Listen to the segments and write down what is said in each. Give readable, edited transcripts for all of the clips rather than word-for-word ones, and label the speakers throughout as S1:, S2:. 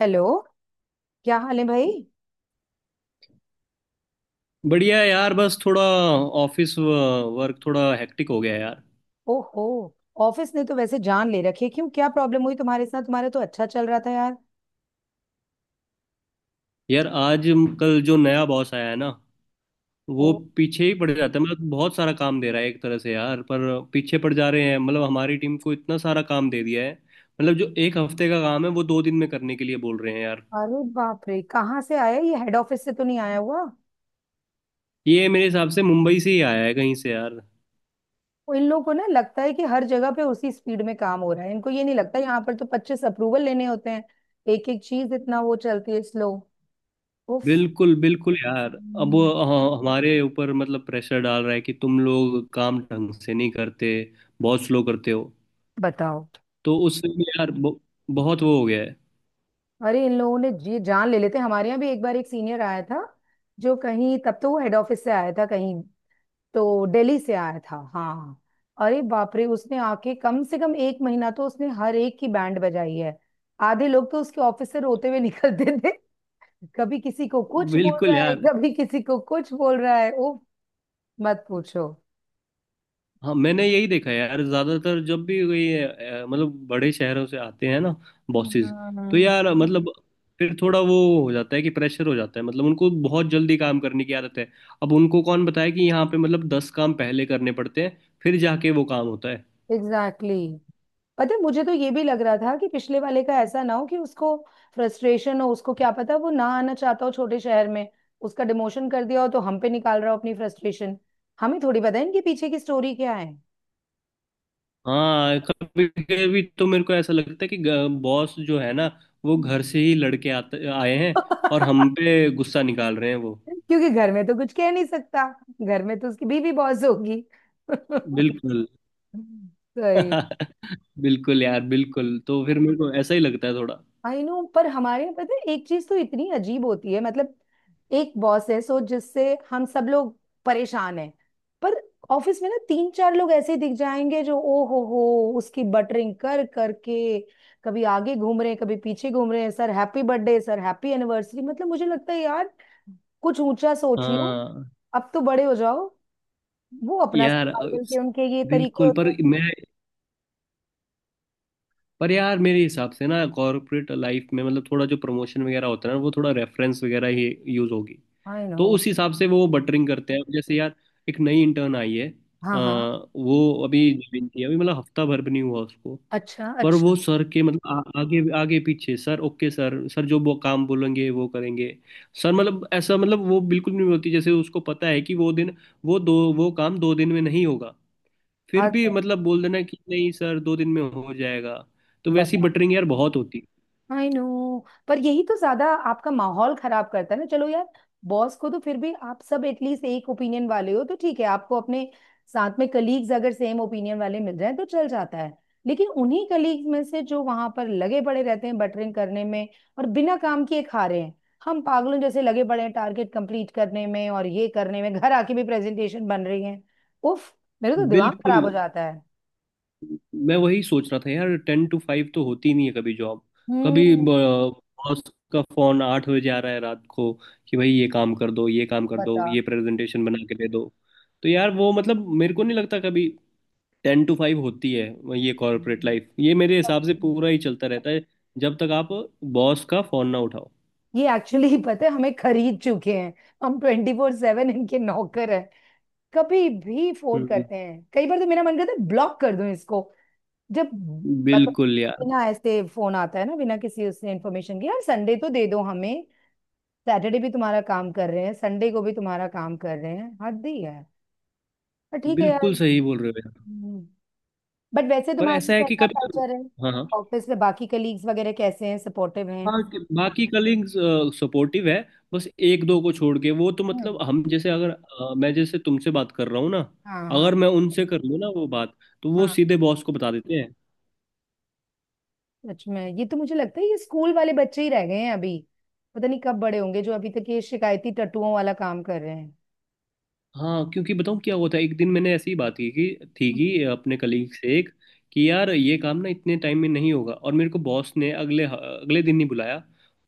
S1: Hello. क्या हाल है भाई?
S2: बढ़िया है यार, बस थोड़ा ऑफिस वर्क थोड़ा हेक्टिक हो गया है यार।
S1: ओहो। ऑफिस ने तो वैसे जान ले रखी है। क्यों, क्या प्रॉब्लम हुई तुम्हारे साथ? तुम्हारा तो अच्छा चल रहा था यार।
S2: यार आज कल जो नया बॉस आया है ना,
S1: ओ।
S2: वो पीछे ही पड़ जाता है, मतलब बहुत सारा काम दे रहा है एक तरह से यार। पर पीछे पड़ जा रहे हैं, मतलब हमारी टीम को इतना सारा काम दे दिया है। मतलब जो एक हफ्ते का काम है वो दो दिन में करने के लिए बोल रहे हैं यार।
S1: अरे बाप रे, कहाँ से आया ये? हेड ऑफिस से तो नहीं आया हुआ?
S2: ये मेरे हिसाब से मुंबई से ही आया है कहीं से यार।
S1: वो इन लोगों को ना लगता है कि हर जगह पे उसी स्पीड में काम हो रहा है। इनको ये नहीं लगता, यहाँ पर तो 25 अप्रूवल लेने होते हैं। एक एक चीज इतना वो चलती है स्लो। उफ।
S2: बिल्कुल बिल्कुल यार। अब
S1: हम्म।
S2: वो हाँ, हमारे ऊपर मतलब प्रेशर डाल रहा है कि तुम लोग काम ढंग से नहीं करते, बहुत स्लो करते हो।
S1: बताओ।
S2: तो उससे भी यार बहुत वो हो गया है।
S1: अरे इन लोगों ने जी जान ले लेते हैं। हमारे यहाँ भी एक बार एक सीनियर आया था, जो कहीं, तब तो वो हेड ऑफिस से आया था, कहीं तो दिल्ली से आया था, हाँ। अरे बाप रे, उसने आके कम से कम एक महीना तो उसने हर एक की बैंड बजाई है। आधे लोग तो उसके ऑफिस से रोते हुए निकलते थे। कभी किसी को कुछ बोल
S2: बिल्कुल
S1: रहा है,
S2: यार।
S1: कभी किसी को कुछ बोल रहा है। ओ, मत पूछो।
S2: हाँ, मैंने यही देखा है यार, ज्यादातर जब भी कोई मतलब बड़े शहरों से आते हैं ना बॉसेस, तो
S1: हम्म।
S2: यार मतलब फिर थोड़ा वो हो जाता है कि प्रेशर हो जाता है। मतलब उनको बहुत जल्दी काम करने की आदत है। अब उनको कौन बताए कि यहाँ पे मतलब 10 काम पहले करने पड़ते हैं, फिर जाके वो काम होता है।
S1: Exactly, exactly. पता है, मुझे तो ये भी लग रहा था कि पिछले वाले का ऐसा ना हो कि उसको फ्रस्ट्रेशन हो। उसको क्या पता, वो ना आना चाहता हो छोटे शहर में, उसका डिमोशन कर दिया हो, तो हम पे निकाल रहा हो अपनी फ्रस्ट्रेशन। हमें थोड़ी पता है इनके पीछे की स्टोरी क्या है।
S2: हाँ, कभी कभी तो मेरे को ऐसा लगता है कि बॉस जो है ना, वो घर से ही लड़के आते आए हैं और हम
S1: क्योंकि
S2: पे गुस्सा निकाल रहे हैं वो।
S1: घर में तो कुछ कह नहीं सकता। घर में तो उसकी बीवी बॉस होगी।
S2: बिल्कुल
S1: सही।
S2: बिल्कुल यार, बिल्कुल। तो फिर मेरे को ऐसा ही लगता है थोड़ा।
S1: आई नो, पर हमारे यहाँ पता है एक चीज तो इतनी अजीब होती है, मतलब एक बॉस है सो जिससे हम सब लोग परेशान हैं। पर ऑफिस में ना तीन चार लोग ऐसे दिख जाएंगे जो ओ हो, उसकी बटरिंग कर करके कभी आगे घूम रहे हैं, कभी पीछे घूम रहे हैं, sir happy birthday sir happy anniversary. मतलब मुझे लगता है यार, कुछ ऊंचा सोच लो,
S2: हाँ
S1: अब तो बड़े हो जाओ। वो अपना
S2: यार,
S1: सर्वाइवल के उनके ये तरीके
S2: बिल्कुल।
S1: होते
S2: पर
S1: हैं।
S2: मैं, पर यार मेरे हिसाब से ना कॉर्पोरेट लाइफ में मतलब थोड़ा जो प्रमोशन वगैरह होता है ना, वो थोड़ा रेफरेंस वगैरह ही यूज होगी।
S1: I know.
S2: तो उस हिसाब से वो बटरिंग करते हैं। अब जैसे यार, एक नई इंटर्न आई है। अ,
S1: हाँ हाँ।
S2: वो अभी ज्वाइन की है, अभी मतलब हफ्ता भर भी नहीं हुआ उसको।
S1: अच्छा
S2: पर
S1: अच्छा।
S2: वो सर के मतलब आगे आगे पीछे, सर ओके सर, सर जो वो काम बोलेंगे वो करेंगे। सर मतलब ऐसा, मतलब वो बिल्कुल नहीं बोलती। जैसे उसको पता है कि वो काम 2 दिन में नहीं होगा, फिर
S1: हद
S2: भी
S1: है।
S2: मतलब बोल देना कि नहीं सर, 2 दिन में हो जाएगा। तो वैसी
S1: बता।
S2: बटरिंग यार बहुत होती
S1: आई नो। पर यही तो ज्यादा आपका माहौल खराब करता है ना। चलो यार, बॉस को तो फिर भी आप सब एटलीस्ट एक ओपिनियन वाले हो तो ठीक है, आपको अपने साथ में कलीग्स अगर सेम ओपिनियन वाले मिल जाए तो चल जाता है। लेकिन उन्हीं कलीग्स में से जो वहां पर लगे पड़े रहते हैं बटरिंग करने में और बिना काम किए खा रहे हैं, हम पागलों जैसे लगे पड़े हैं टारगेट कंप्लीट करने में और ये करने में घर आके भी प्रेजेंटेशन बन रही है। उफ। मेरे तो
S2: है।
S1: दिमाग
S2: बिल्कुल,
S1: खराब हो जाता है।
S2: मैं वही सोच रहा था यार, 10 to 5 तो होती नहीं है कभी जॉब। कभी
S1: हम्म।
S2: बॉस का फोन 8 बजे आ रहा है रात को कि भाई ये काम कर दो, ये काम कर दो,
S1: बता।
S2: ये प्रेजेंटेशन बना के दे दो। तो यार वो मतलब मेरे को नहीं लगता कभी 10 to 5 होती है ये कॉर्पोरेट
S1: हम्म,
S2: लाइफ। ये मेरे हिसाब
S1: सच
S2: से
S1: में।
S2: पूरा ही चलता रहता है, जब तक आप बॉस का फोन ना उठाओ।
S1: ये एक्चुअली पता है, हमें खरीद चुके हैं। हम 24/7 इनके नौकर हैं। कभी भी फोन
S2: हम्म,
S1: करते हैं, कई बार तो मेरा मन करता है ब्लॉक कर दूं इसको। जब मतलब
S2: बिल्कुल यार,
S1: बिना ऐसे फोन आता है ना, बिना किसी उसने इन्फॉर्मेशन के, यार संडे तो दे दो हमें। सैटरडे भी तुम्हारा काम कर रहे हैं, संडे को भी तुम्हारा काम कर रहे हैं, हद ही है। पर ठीक है यार।
S2: बिल्कुल सही बोल रहे हो यार।
S1: बट वैसे
S2: पर
S1: तुम्हारी
S2: ऐसा है कि
S1: कैसा
S2: कभी।
S1: कल्चर है?
S2: हाँ, हाँ,
S1: ऑफिस में बाकी कलीग्स वगैरह कैसे हैं? सपोर्टिव हैं?
S2: हाँ। कि बाकी कलीग्स सपोर्टिव है, बस एक दो को छोड़ के। वो तो मतलब
S1: हम्म।
S2: हम जैसे अगर मैं जैसे तुमसे बात कर रहा हूँ ना,
S1: हाँ हाँ।
S2: अगर मैं उनसे कर लूँ ना वो बात, तो वो सीधे बॉस को बता देते हैं।
S1: सच में, ये तो मुझे लगता है ये स्कूल वाले बच्चे ही रह गए हैं अभी। पता नहीं कब बड़े होंगे, जो अभी तक ये शिकायती टट्टुओं वाला काम कर रहे हैं।
S2: हाँ, क्योंकि बताऊँ क्या होता है, एक दिन मैंने ऐसी ही बात की कि थी कि अपने कलीग से एक, कि यार ये काम ना इतने टाइम में नहीं होगा। और मेरे को बॉस ने अगले अगले दिन ही बुलाया,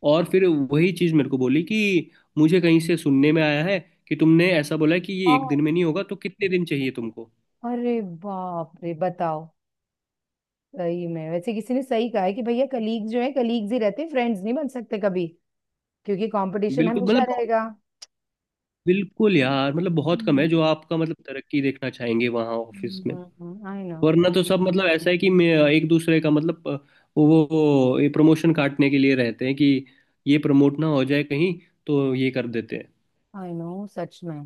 S2: और फिर वही चीज़ मेरे को बोली कि मुझे कहीं से सुनने में आया है कि तुमने ऐसा बोला है कि ये एक
S1: हाँ,
S2: दिन में नहीं होगा, तो कितने दिन चाहिए तुमको।
S1: अरे बाप रे, बताओ। सही में वैसे किसी ने सही कहा है कि भैया कलीग जो है कलीग्स ही रहते हैं, फ्रेंड्स नहीं बन सकते कभी, क्योंकि कंपटीशन
S2: बिल्कुल,
S1: हमेशा
S2: मतलब
S1: रहेगा।
S2: बिल्कुल यार। मतलब बहुत कम है
S1: हम्म।
S2: जो आपका मतलब तरक्की देखना चाहेंगे वहाँ ऑफिस में।
S1: I know.
S2: वरना तो सब मतलब ऐसा है कि मैं एक दूसरे का, मतलब वो वो ये प्रमोशन काटने के लिए रहते हैं कि ये प्रमोट ना हो जाए कहीं, तो ये कर देते हैं।
S1: आई नो, सच में।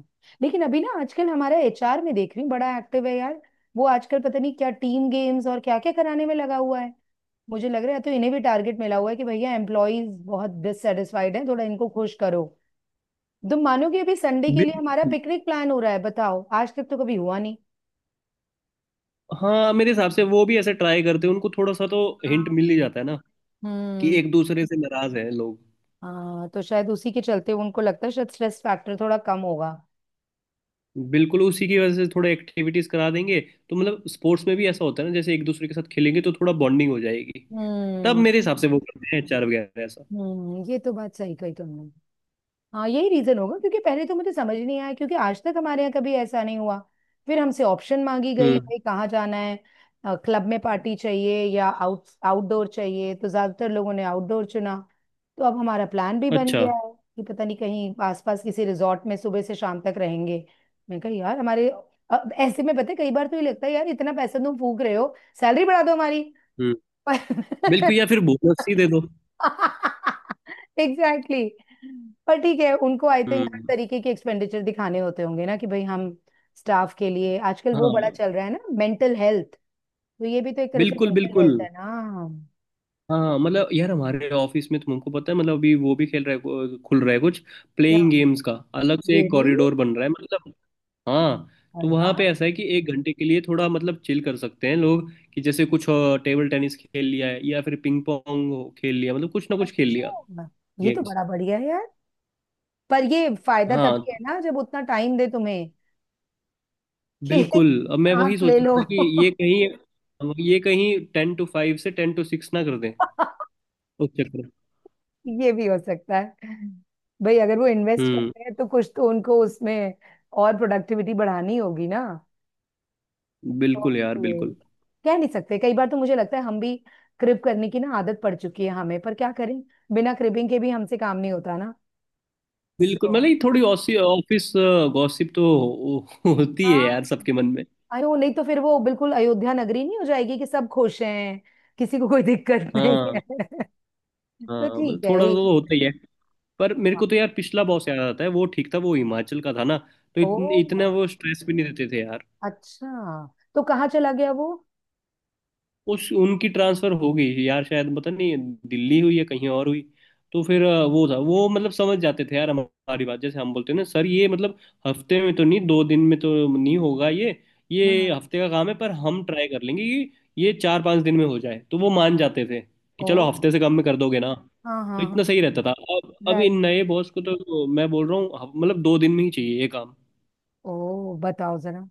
S1: लेकिन अभी ना, आजकल हमारा एचआर में देख रही हूँ बड़ा एक्टिव है यार। वो आजकल पता नहीं क्या टीम गेम्स और क्या क्या कराने में लगा हुआ है। मुझे लग रहा है तो इन्हें भी टारगेट मिला हुआ है कि भैया एम्प्लॉयज बहुत डिससेटिस्फाइड हैं, थोड़ा इनको खुश करो। तुम मानोगे, अभी संडे के लिए हमारा
S2: बिल्कुल।
S1: पिकनिक प्लान हो रहा है। बताओ, आज तक तो कभी हुआ नहीं।
S2: हाँ, मेरे हिसाब से वो भी ऐसे ट्राई करते हैं। उनको थोड़ा सा तो हिंट
S1: हाँ।
S2: मिल ही जाता है ना कि
S1: हम्म।
S2: एक दूसरे से नाराज है लोग।
S1: हाँ, तो शायद उसी के चलते उनको लगता है शायद स्ट्रेस फैक्टर थोड़ा कम होगा।
S2: बिल्कुल, उसी की वजह से थोड़े एक्टिविटीज करा देंगे। तो मतलब स्पोर्ट्स में भी ऐसा होता है ना, जैसे एक दूसरे के साथ खेलेंगे तो थोड़ा बॉन्डिंग हो जाएगी। तब
S1: हम्म।
S2: मेरे हिसाब से वो करते हैं एचआर वगैरह ऐसा।
S1: हम्म, ये तो बात सही कही तुमने। हाँ, यही रीजन होगा, क्योंकि पहले तो मुझे समझ नहीं आया, क्योंकि आज तक हमारे यहाँ कभी ऐसा नहीं हुआ। फिर हमसे ऑप्शन मांगी गई,
S2: हम्म।
S1: भाई कहाँ जाना है, क्लब में पार्टी चाहिए या आउटडोर चाहिए, तो ज्यादातर लोगों ने आउटडोर चुना। तो अब हमारा प्लान भी बन
S2: अच्छा।
S1: गया है कि पता नहीं कहीं आसपास किसी रिजॉर्ट में सुबह से शाम तक रहेंगे। मैं कहा यार हमारे, अब ऐसे में पता है कई बार तो ये लगता है यार इतना पैसा तुम फूक रहे हो, सैलरी बढ़ा दो हमारी।
S2: हम्म।
S1: पर
S2: बिल्कुल, या फिर भूख लस्सी दे दो।
S1: Exactly, exactly. पर ठीक है, उनको आई थिंक हर
S2: हम्म।
S1: तरीके के एक्सपेंडिचर दिखाने होते होंगे ना, कि भाई हम स्टाफ के लिए। आजकल वो बड़ा
S2: हाँ।
S1: चल रहा है ना मेंटल हेल्थ, तो ये भी तो एक तरह से
S2: बिल्कुल
S1: मेंटल
S2: बिल्कुल।
S1: हेल्थ है ना।
S2: हाँ हाँ, मतलब यार हमारे ऑफिस में तुमको पता है मतलब अभी वो भी खेल रहा है, खुल रहा है कुछ।
S1: या,
S2: प्लेइंग गेम्स का अलग से एक
S1: रियली?
S2: कॉरिडोर बन रहा है मतलब। हाँ। तो
S1: अरे
S2: वहाँ
S1: वाह।
S2: पे ऐसा है कि एक घंटे के लिए थोड़ा मतलब चिल कर सकते हैं लोग, कि जैसे कुछ टेबल टेनिस खेल लिया है, या फिर पिंग पोंग खेल लिया, मतलब कुछ ना कुछ खेल लिया
S1: अच्छा, ये तो
S2: गेम्स।
S1: बड़ा बढ़िया है यार। पर ये फायदा
S2: हाँ,
S1: तभी है ना जब उतना टाइम दे तुम्हें। कि
S2: बिल्कुल। अब मैं
S1: सांस
S2: वही सोच
S1: ले लो।
S2: रहा था कि ये कहीं 10 to 5 से 10 to 6 ना कर दें उस चक्कर में।
S1: ये भी हो सकता है। भाई अगर वो इन्वेस्ट कर
S2: हम्म।
S1: रहे हैं तो कुछ तो उनको उसमें और प्रोडक्टिविटी बढ़ानी होगी ना।
S2: बिल्कुल यार,
S1: ओके।
S2: बिल्कुल
S1: कह नहीं सकते, कई बार तो मुझे लगता है हम भी क्रिप करने की ना आदत पड़ चुकी है हमें, पर क्या करें, बिना क्रिपिंग के भी हमसे काम नहीं होता ना।
S2: बिल्कुल।
S1: सो।
S2: मतलब ये थोड़ी ऑसी ऑफिस गॉसिप तो होती है
S1: हाँ।
S2: यार सबके मन में।
S1: अयो नहीं, तो फिर वो बिल्कुल अयोध्या नगरी नहीं हो जाएगी कि सब खुश हैं, किसी को कोई दिक्कत नहीं है।
S2: हाँ
S1: तो
S2: हाँ, मतलब
S1: ठीक है
S2: थोड़ा
S1: ये
S2: तो
S1: भी-
S2: होता ही है। पर मेरे
S1: हाँ।
S2: को तो यार पिछला बॉस याद आता है, वो ठीक था, वो हिमाचल का था ना। तो
S1: ओ,
S2: इतने इतना वो स्ट्रेस भी नहीं देते थे।
S1: अच्छा, तो कहाँ चला गया वो?
S2: उस उनकी ट्रांसफर हो गई यार, शायद पता नहीं, दिल्ली हुई या कहीं और हुई। तो फिर वो था वो, मतलब समझ जाते थे यार हमारी बात। जैसे हम बोलते हैं ना सर ये मतलब हफ्ते में तो नहीं, 2 दिन में तो नहीं होगा ये हफ्ते का काम है, पर हम ट्राई कर लेंगे कि ये 4-5 दिन में हो जाए, तो वो मान जाते थे कि
S1: ओ।
S2: चलो हफ्ते से कम में कर दोगे ना,
S1: हाँ
S2: तो
S1: हाँ हाँ।
S2: इतना सही रहता था। अब
S1: राइट।
S2: इन नए बॉस को तो मैं बोल रहा हूँ, मतलब 2 दिन में ही चाहिए ये काम।
S1: ओ, बताओ जरा।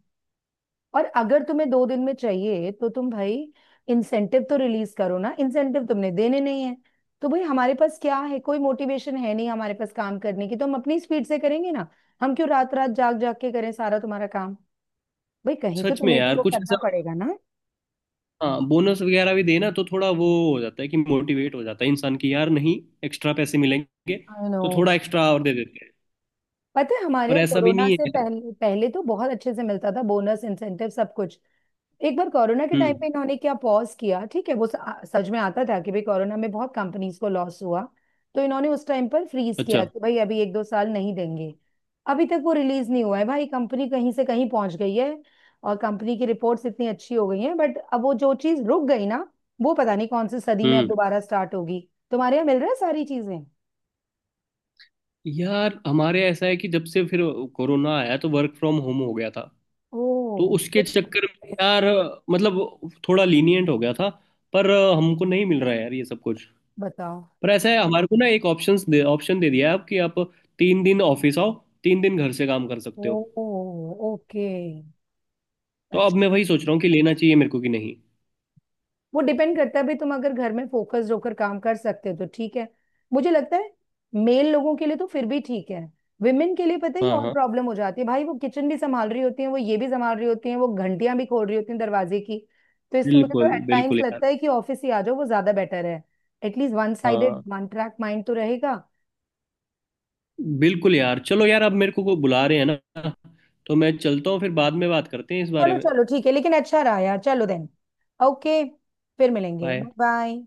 S1: और अगर तुम्हें दो दिन में चाहिए तो तुम भाई इंसेंटिव तो रिलीज करो ना। इंसेंटिव तुमने देने नहीं है, तो भाई हमारे पास क्या है, कोई मोटिवेशन है नहीं हमारे पास काम करने की, तो हम अपनी स्पीड से करेंगे ना। हम क्यों रात रात जाग जाग के करें सारा तुम्हारा काम? भाई कहीं तो
S2: सच में
S1: तुम्हें भी
S2: यार
S1: वो
S2: कुछ
S1: करना
S2: ऐसा।
S1: पड़ेगा ना।
S2: हाँ, बोनस वगैरह भी देना तो थोड़ा वो हो जाता है कि मोटिवेट हो जाता है इंसान। की यार नहीं, एक्स्ट्रा पैसे मिलेंगे
S1: आई नो।
S2: तो थोड़ा एक्स्ट्रा और दे देते हैं।
S1: पता है हमारे
S2: पर
S1: यहाँ
S2: ऐसा भी
S1: कोरोना
S2: नहीं
S1: से
S2: है।
S1: पहले पहले तो बहुत अच्छे से मिलता था बोनस, इंसेंटिव, सब कुछ। एक बार कोरोना के टाइम पे
S2: हम्म।
S1: इन्होंने क्या पॉज किया, ठीक है, वो सच में आता था कि भाई कोरोना में बहुत कंपनीज को लॉस हुआ। तो इन्होंने उस टाइम पर फ्रीज
S2: अच्छा।
S1: किया कि भाई अभी एक दो साल नहीं देंगे। अभी तक वो रिलीज नहीं हुआ है भाई, कंपनी कहीं से कहीं पहुंच गई है और कंपनी की रिपोर्ट्स इतनी अच्छी हो गई हैं, बट अब वो जो चीज रुक गई ना, वो पता नहीं कौन सी सदी में अब
S2: हम्म।
S1: दोबारा स्टार्ट होगी। तुम्हारे यहाँ मिल रहा है सारी चीजें?
S2: यार हमारे ऐसा है कि जब से फिर कोरोना आया तो वर्क फ्रॉम होम हो गया था,
S1: ओ
S2: तो उसके
S1: तो,
S2: चक्कर में यार मतलब थोड़ा लीनियंट हो गया था। पर हमको नहीं मिल रहा है यार ये सब कुछ।
S1: बताओ।
S2: पर ऐसा है, हमारे को ना एक ऑप्शन दे दिया है अब कि आप 3 दिन ऑफिस आओ, 3 दिन घर से काम कर
S1: ओ।
S2: सकते हो।
S1: ओके।
S2: तो अब मैं वही सोच रहा हूँ कि लेना चाहिए मेरे को कि नहीं।
S1: वो डिपेंड करता है भाई, तुम अगर घर में फोकस्ड होकर काम कर सकते हो तो ठीक है। मुझे लगता है मेल लोगों के लिए तो फिर भी ठीक है, विमेन के लिए पता है ये
S2: हाँ
S1: और
S2: हाँ,
S1: प्रॉब्लम हो जाती है भाई। वो किचन भी संभाल रही होती है, वो ये भी संभाल रही होती है, वो घंटियां भी खोल रही होती हैं दरवाजे की। तो इसलिए मुझे तो
S2: बिल्कुल
S1: एट
S2: बिल्कुल
S1: टाइम्स
S2: यार।
S1: लगता है कि ऑफिस ही आ जाओ, वो ज्यादा बेटर है। एटलीस्ट वन साइडेड
S2: हाँ,
S1: वन ट्रैक माइंड तो रहेगा।
S2: बिल्कुल यार, चलो यार अब मेरे को बुला रहे हैं ना, तो मैं चलता हूँ, फिर बाद में बात करते हैं इस बारे
S1: चलो
S2: में।
S1: चलो ठीक है, लेकिन अच्छा रहा यार, चलो देन। ओके। फिर मिलेंगे, बाय
S2: बाय।
S1: बाय।